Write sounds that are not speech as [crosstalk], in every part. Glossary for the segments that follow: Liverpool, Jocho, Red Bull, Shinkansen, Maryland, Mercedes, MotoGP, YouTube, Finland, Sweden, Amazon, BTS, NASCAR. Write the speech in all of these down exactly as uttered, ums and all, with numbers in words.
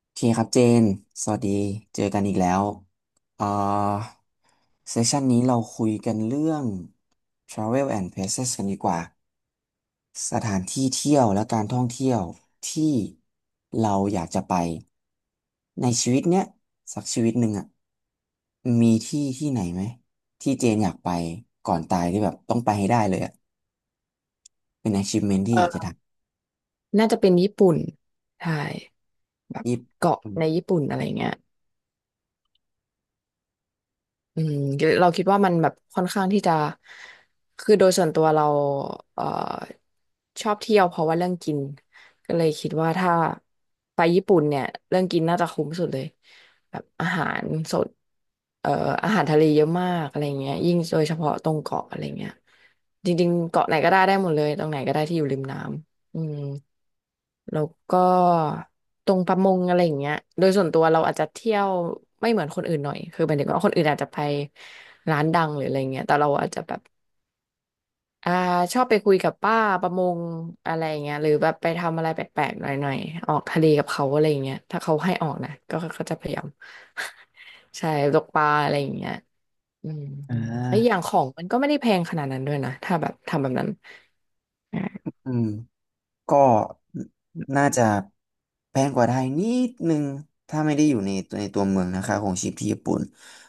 โอเคครับเจน สวัสดี เจอกันอีกแล้วเอ่อเซสชันนี้เราคุยกันเรื่อง ทราเวล แอนด์ เพลซ กันดีกว่า สถานที่เที่ยวและการท่องเที่ยวที่เราอยากจะไปในชีวิตเนี้ยสักชีวิตหนึ่งอ่ะ มีที่ที่ไหนไหมที่เจนอยากไปก่อนตายที่แบบต้องไปให้ได้เลยอ่ะ เป็น อะชีฟเมนต์ ที่อยากจะเอทอน่าจะเป็นญี่ปุ่นใช่แบำบยิบเกาะอืมในญี่ปุ่นอะไรเงี้ยอืมเราคิดว่ามันแบบค่อนข้างที่จะคือโดยส่วนตัวเราเอ่อชอบเที่ยวเพราะว่าเรื่องกินก็เลยคิดว่าถ้าไปญี่ปุ่นเนี่ยเรื่องกินน่าจะคุ้มสุดเลยแบบอาหารสดเอ่ออาหารทะเลเยอะมากอะไรเงี้ยยิ่งโดยเฉพาะตรงเกาะอะไรเงี้ยจริงๆเกาะไหนก็ได้ได้หมดเลยตรงไหนก็ได้ที่อยู่ริมน้ำ อืมแล้วก็ตรงประมงอะไรอย่างเงี้ยโดยส่วนตัวเราอาจจะเที่ยวไม่เหมือนคนอื่นหน่อยคือหมายถึงว่าคนอื่นอาจจะไปร้านดังหรืออะไรเงี้ยแต่เราอาจจะแบบอ่าชอบไปคุยกับป้าประมงอะไร่เงี้ยหรือแบบไปทำอะไรแปลกๆหน่อยๆออกทะเลกับเขาอะไรเงี้ยถ้าเขาให้ออกนะก็ก็จะพยายาม [laughs] ใช่ตกปลาอะไรอย่างเงี้ยอืมอ่แล้วอย่างาของมันก็ไม่ได้แพงขนาดนั้นด้วยนะถ้าแบบทำแบบนั้นอ่าอืม ก็น่าจะแพงกว่าไทยนิดนึงถ้าไม่ได้อยู่ในตัวในตัวเมืองนะคะของชีพที่ญี่ปุ่น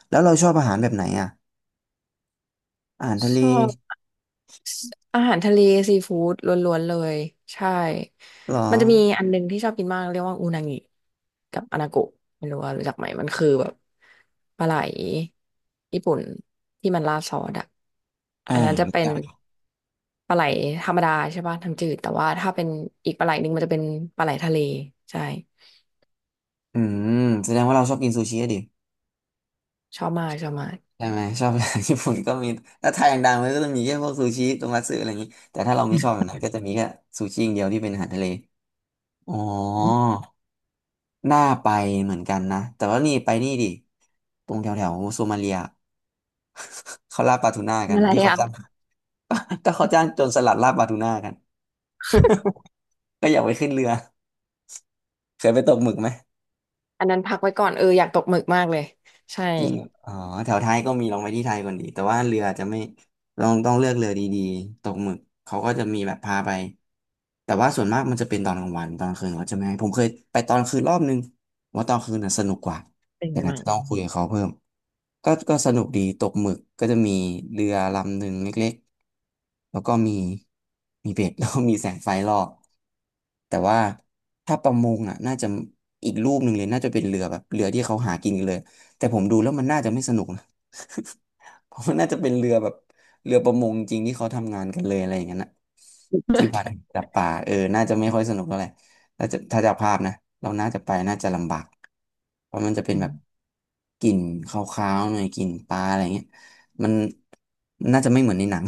แล้วเราชอบอาหารแบบไหนอ่ะอาหารทะชเลอบ อาหารทะเลซีฟู้ดล้วนๆเลยใช่เหรอมันจะมีอันหนึงที่ชอบกินมากเรียกว่าอูนางิกับอนาโกะไม่รู้ว่ารู้จักไหมมันคือแบบปลาไหลญี่ปุ่นที่มันราดซอสอะอ่าอันนั้นจะรู้เป็นจักปลาไหลธรรมดาใช่ป่ะทำ้ำจืดแต่ว่าถ้าเป็นอีกปลาไหลหนึ่งมันจะเป็นปลาไหลทะเลใช่อืมแสดงว่าเราชอบกินซูชิอะดิชอบมากชอบมากใช่ไหมชอบ [laughs] ญี่ปุ่นก็มีถ้าไทยอย่างดังมันก็จะมีแค่พวกซูชิโทมัตสึอะไรอย่างนี้แต่ถ้าเราไม่ชอบแบบนั้นก็จะมีแค่ซูชิอย่างเดียวที่เป็นอาหารทะเลอ๋ออน่าไปเหมือนกันนะแต่ว่านี่ไปนี่ดิตรงแถวแถวโซมาเลียเขาล่าปลาทูน่ามกันอะไรที่เขาจับ อ่ะ [laughs] ก็เขาจ้างโจรสลัดลาบบาทูน่ากันก็อยากไปขึ้นเรือเคยไปตกหมึกไหมอันนั้นพักไว้ก่อนเอออยากตกหมึกมากเลยใช่จริงเหรออ๋อแถวไทยก็มีลองไปที่ไทยก่อนดีแต่ว่าเรือจะไม่ลองต้องเลือกเรือดีๆตกหมึกเขาก็จะมีแบบพาไปแต่ว่าส่วนมากมันจะเป็นตอนกลางวันตอนกลางคืนเขาจะไม่ให้ผมเคยไปตอนคืนรอบนึงผมว่าตอนคืนน่ะสนุกกว่าเป็นแต่ไงอาจบ้าจะงต้องคุยกับเขาเพิ่ม ก็ก็สนุกดีตกหมึกก็จะมีเรือลำหนึ่งเล็กๆแล้วก็มีมีเบ็ด [laughs] แล้วก็มีแสงไฟรอบแต่ว่าถ้าประมงอ่ะน่าจะอีกรูปหนึ่งเลยน่าจะเป็นเรือแบบเรือที่เขาหากินกันเลยแต่ผมดูแล้วมันน่าจะไม่สนุกนะ [laughs] เพราะมันน่าจะเป็นเรือแบบเรือประมงจริงที่เขาทำงานกันเลยอะไรอย่างนั้นนะ ที่วัดจับป่าเออน่าจะไม่ค่อยสนุกเท่าไหร่ถ้าจะถ้าจะภาพนะเราน่าจะไปน่าจะลำบากเพราะมันจะเป็นอืแบบกลิ่นคาวๆหน่อยกลิ่นปลาอะไรเงี้ยมันน่าจะไม่เหมือนในหนัง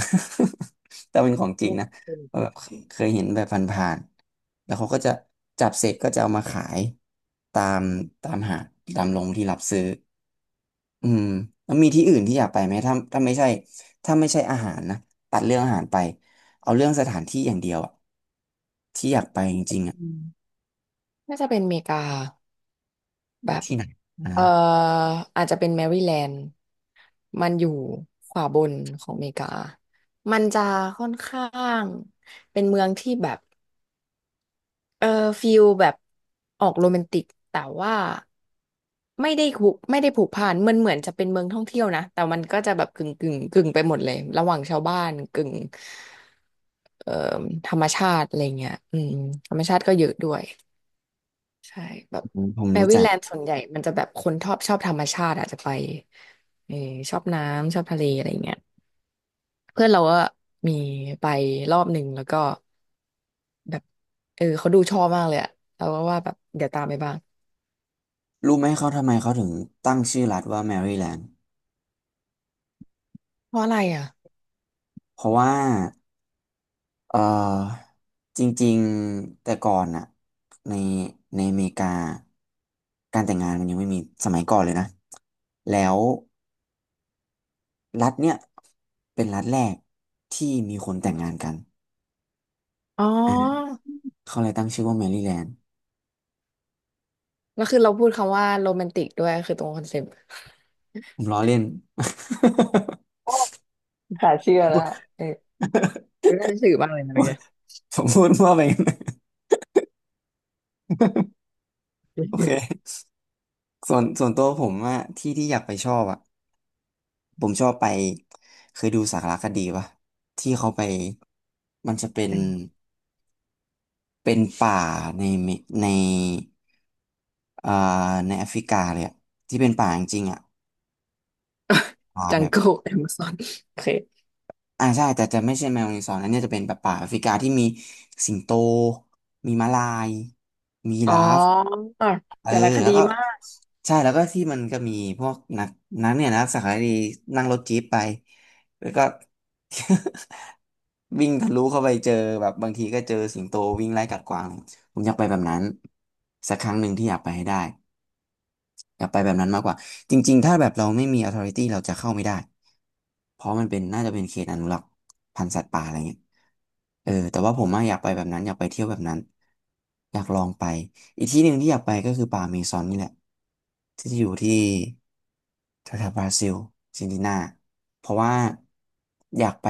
[laughs] แต่เป็นของจริงนะเพราะแบบเคยเคยเห็นแบบผ่านๆแล้วเขาก็จะจับเสร็จก็จะเอามาขายตามตามหาดตามโรงที่รับซื้อ อืมแล้วมีที่อื่นที่อยากไปไหมถ้าถ้าไม่ใช่ถ้าไม่ใช่อาหารนะตัดเรื่องอาหารไปเอาเรื่องสถานที่อย่างเดียวอะที่อยากไปจริงๆอะม น่าจะเป็นอเมริกาแบบที่ไหนเอ่อนะอาจจะเป็นแมริแลนด์มันอยู่ขวาบนของอเมริกามันจะค่อนข้างเป็นเมืองที่แบบเออฟิลแบบออกโรแมนติกแต่ว่าไม่ได้ผูกไม่ได้ผูกพันมันเหมือนจะเป็นเมืองท่องเที่ยวนะแต่มันก็จะแบบกึ่งกึ่งกึ่งไปหมดเลยระหว่างชาวบ้านกึ่งเอ่อธรรมชาติอะไรเงี้ยอืมธรรมชาติก็เยอะด้วย ใช่แบบอืมผมแมรู้รี่จักแลนด์ส่วนใหญ่มันจะแบบคนชอบชอบธรรมชาติอาจจะไปเออชอบน้ำชอบทะเลอะไรอย่างเงี้ยเพื่อนเราก็มีไปรอบหนึ่งแล้วก็แบบเออเขาดูชอบมากเลยอะเราก็ว่าแบบเดี๋ยวตามไปบ้างรู้ไหมเขาทำไมเขาถึงตั้งชื่อรัฐว่าแมริแลนด์เพราะอะไรอ่ะเพราะว่าเออจริงๆแต่ก่อนอะในในอเมริกาการแต่งงานมันยังไม่มีสมัยก่อนเลยนะแล้วรัฐเนี่ยเป็นรัฐแรกที่มีคนแต่งงานกัน อ๋อเขาเลยตั้งชื่อว่าแมรี่แลนด์แล้วคือเราพูดคำว่าโรแมนติกด้วยคือตรงคอนเซ็ปต์ผมล้อเล่น โอ้สาเชื่อแล้วเออรู้ได้สื่อมากเลยนะเมื่อกี้ [laughs] ผมพูดมั่วไปงั้นโอเคส่วนส่วนตัวผมอะที่ที่อยากไปชอบอะผมชอบไปเคยดูสารคดีปะที่เขาไปมันจะเป็นใช่เป็นป่าในเมในอ่าในแอฟริกาเลยอะที่เป็นป่าจริงๆอะป่าจัแบงบโก้แอมซอนโอเคอ่าใช่แต่จะไม่ใช่แมวในซอนอันเนี้ยจะเป็นแบบป่าแอฟริกาที่มีสิงโตมีม้าลายมียีอ๋อราฟ เออแต่ละคแล้วดีก็มากใช่แล้วก็ที่มันก็มีพวกนักนักเนี่ยนักสึกษดีนั่งรถจี๊ปไปแล้วก็ [laughs] วิ่งทะลุเข้าไปเจอแบบบางทีก็เจอสิงโตวิ่งไล่กัดกวางผมอยากไปแบบนั้นสักครั้งหนึ่งที่อยากไปให้ได้ อยากไปแบบนั้นมากกว่าจริงๆถ้าแบบเราไม่มี ออทอริตี้ เราจะเข้าไม่ได้เพราะมันเป็นน่าจะเป็นเขตอนุรักษ์พันธุ์สัตว์ป่าอะไรเงี้ยเออแต่ว่าผมอะอยากไปแบบนั้นอยากไปเที่ยวแบบนั้นอยากลองไปอีกที่หนึ่งที่อยากไปก็คือป่าอเมซอนนี่แหละที่อยู่ที่แถวๆบราซิลอาร์เจนตินาเพราะว่าอยากไป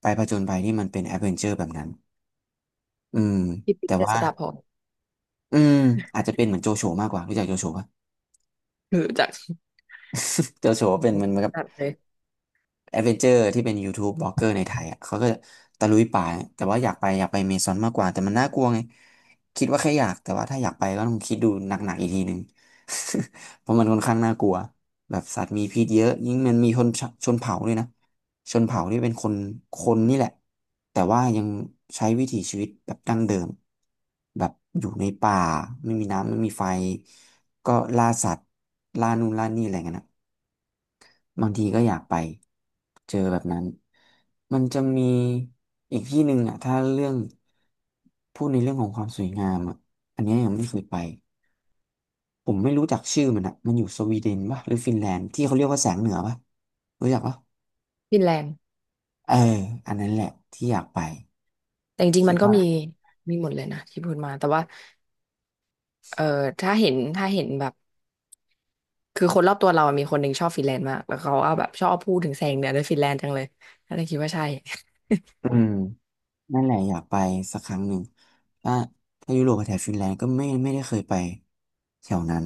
ไปผจญภัยที่มันเป็นแอดเวนเจอร์แบบนั้นอืมที่ปิดแต่เจษว่าฎาพรอืมอาจจะเป็นเหมือนโจโฉมากกว่ารู้จักโจโฉปะรู้จัก โจโฉเป็นมันมัน จัดเลยแอดเวนเจอร์ที่เป็น ยูทูบ บล็อกเกอร์ในไทยอ่ะเขาก็ตะลุยป่าแต่ว่าอยากไปอยากไปเมซอนมากกว่าแต่มันน่ากลัวไงคิดว่าแค่อยากแต่ว่าถ้าอยากไปก็ต้องคิดดูหนักๆอีกทีหนึ่ง [laughs] เพราะมันค่อนข้างน่ากลัวแบบสัตว์มีพิษเยอะยิ่งมันมีชนชนเผ่าด้วยนะชนเผ่าที่เป็นคนคนนี่แหละแต่ว่ายังใช้วิถีชีวิตแบบดั้งเดิมแบบอยู่ในป่าไม่มีน้ำไม่มีไฟก็ล่าสัตว์ล่านู่นล่านี่อะไรเงี้ยนะ บางทีก็อยากไปเจอแบบนั้น มันจะมีอีกที่หนึ่งอ่ะถ้าเรื่องพูดในเรื่องของความสวยงามอ่ะ อันเนี้ยยังไม่เคยไป ผมไม่รู้จักชื่อมันอ่ะ มันอยู่สวีเดนป่ะหรือฟินแลนด์ที่เขาเรียกว่าแสงเหนือป่ะรู้จักป่ะฟินแลนด์เอออันนั้นแหละที่อยากไปแต่จริงๆคิมัดนก็ว่ามีมีหมดเลยนะที่พูดมาแต่ว่าเออถ้าเห็นถ้าเห็นแบบคือคนรอบตัวเราอะมีคนหนึ่งชอบฟินแลนด์มากแล้วเขาเอาแบบชอบพูดถึงแสงเหนือในฟินแลนด์จังเลยก็เลยคิดว่าใช่ อืมนั่นแหละอยากไปสักครั้งหนึ่งถ้าถ้ายุโรปกับแถบฟินแลนด์ก็ไม่ไม่ได้เคยไปแถวนั้น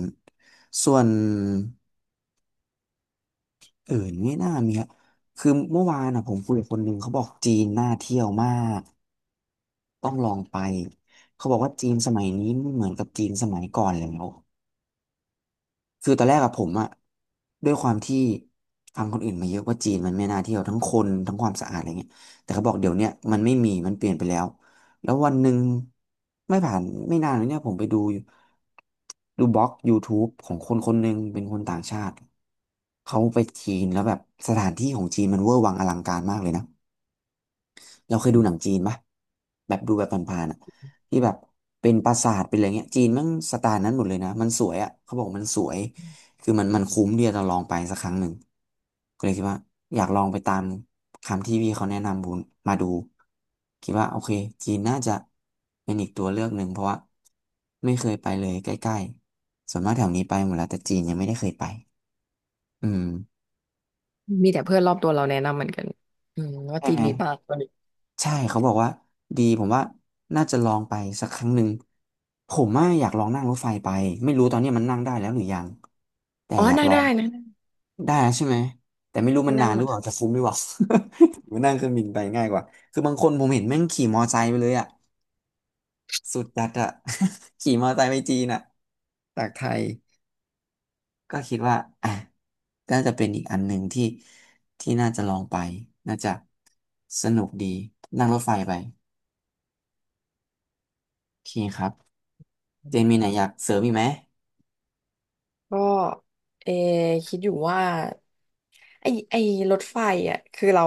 ส่วน เออไม่น่ามีครับคือเมื่อวานอ่ะผมคุยกับคนหนึ่งเขาบอกจีนน่าเที่ยวมากต้องลองไปเขาบอกว่าจีนสมัยนี้ไม่เหมือนกับจีนสมัยก่อนแล้ว คือตอนแรกอะผมอะด้วยความที่ฟังคนอื่นมาเยอะว่าจีนมันไม่น่าเที่ยวทั้งคนทั้งความสะอาดอะไรเงี้ยแต่เขาบอกเดี๋ยวเนี้ยมันไม่มีมันเปลี่ยนไปแล้วแล้ววันหนึ่งไม่ผ่านไม่นานเลยเนี่ยผมไปดูดูบล็อก YouTube ของคนคนหนึ่งเป็นคนต่างชาติเขาไปจีนแล้วแบบสถานที่ของจีนมันเวอร์วังอลังการมากเลยนะ เราเคยดูหนังจีนปะแบบดูแบบผ่านๆอ่ะที่แบบเป็นปราสาทเป็นอะไรเงี้ยจีนมันสไตล์นั้นหมดเลยนะมันสวยอ่ะเขาบอกมันสวยคือมันมันคุ้มที่จะลองไปสักครั้งหนึ่งก็เลยคิดว่าอยากลองไปตามคำที่พี่เขาแนะนำบูนมาดูคิดว่าโอเคจีนน่าจะเป็นอีกตัวเลือกหนึ่งเพราะว่าไม่เคยไปเลยใกล้ๆส่วนมากแถวนี้ไปหมดแล้วแต่จีนยังไม่ได้เคยไปอืม [laughs] มีแต่เพื่อนรอบตัวเราแนะนำเหมือนกันอืมว่าใช่จีไหนม นี้ปากตอนนี้ใช่เขาบอกว่าดีผมว่าน่าจะลองไปสักครั้งหนึ่งผมว่าอยากลองนั่งรถไฟไปไม่รู้ตอนนี้มันนั่งได้แล้วหรือยังแต่อ๋ออยากนั่งลอได้งนะได้แล้วใช่ไหมแต่ไม่รู้มันนานหรือเปล่าจะฟุ้งหรือเปล่า [laughs] หรนั่งเครื่องบินไปง่ายกว่าคือบางคนผมเห็นแม่งขี่มอไซค์ไปเลยอ่ะสุดจัดอ่ะ [laughs] ขี่มอไซค์ไปจีนอ่ะจากไทยก็คิดว่าอ่ะน่าจะเป็นอีกอันหนึ่งที่ที่น่าจะลองไปน่าจะสนุกดีนั่งรถไฟไปโอเคครับ เจมีไหนอยากเสริมอีกไหมก็เออคิดอยู่ว่าไอไอรถไฟอ่ะคือเรา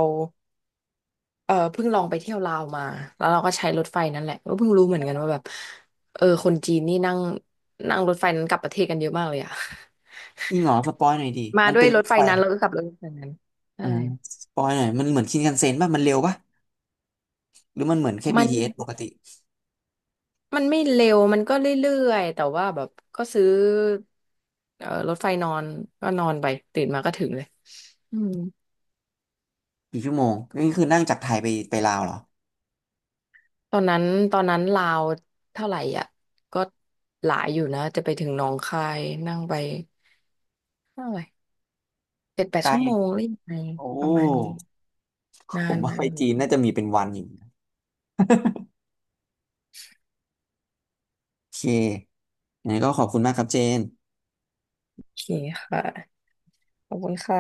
เออเพิ่งลองไปเที่ยวลาวมาแล้วเราก็ใช้รถไฟนั่นแหละก็เพิ่งรู้เหมือนกันว่าแบบเออคนจีนนี่นั่งนั่งรถไฟนั้นกลับประเทศกันเยอะมากเลยอะ อีกเหรอสปอยหน่อยดิ [laughs] มามันด้วเป็ยนรรถถไฟไฟนั้นแล้วก็กลับรถไฟนั้นใช่อ่าสปอยหน่อยมันเหมือนชินคันเซ็นป่ะมันเร็วป่ะหรือมันเหมือนแค่ มัน บี ที เอส ปกติมันไม่เร็วมันก็เรื่อยๆแต่ว่าแบบก็ซื้อเออรถไฟนอนก็นอนไปตื่นมาก็ถึงเลยอืมกี่ชั่วโมงนี่คือนั่งจากไทยไปไปลาวเหรอตอนนั้นตอนนั้นลาวเท่าไหร่อ่ะก็หลายอยู่นะจะไปถึงหนองคายนั่งไปเท่าไหร่เจ็ดแปดไกลชั่วโมงหรือยังไงโอ้ประมาณนี้ นาผมนว่านาไปนจีนน่าจะมีเป็นวันอยู่นะโอเคงั้นก็ขอบคุณมากครับเจนโอเคค่ะ ขอบคุณค่ะ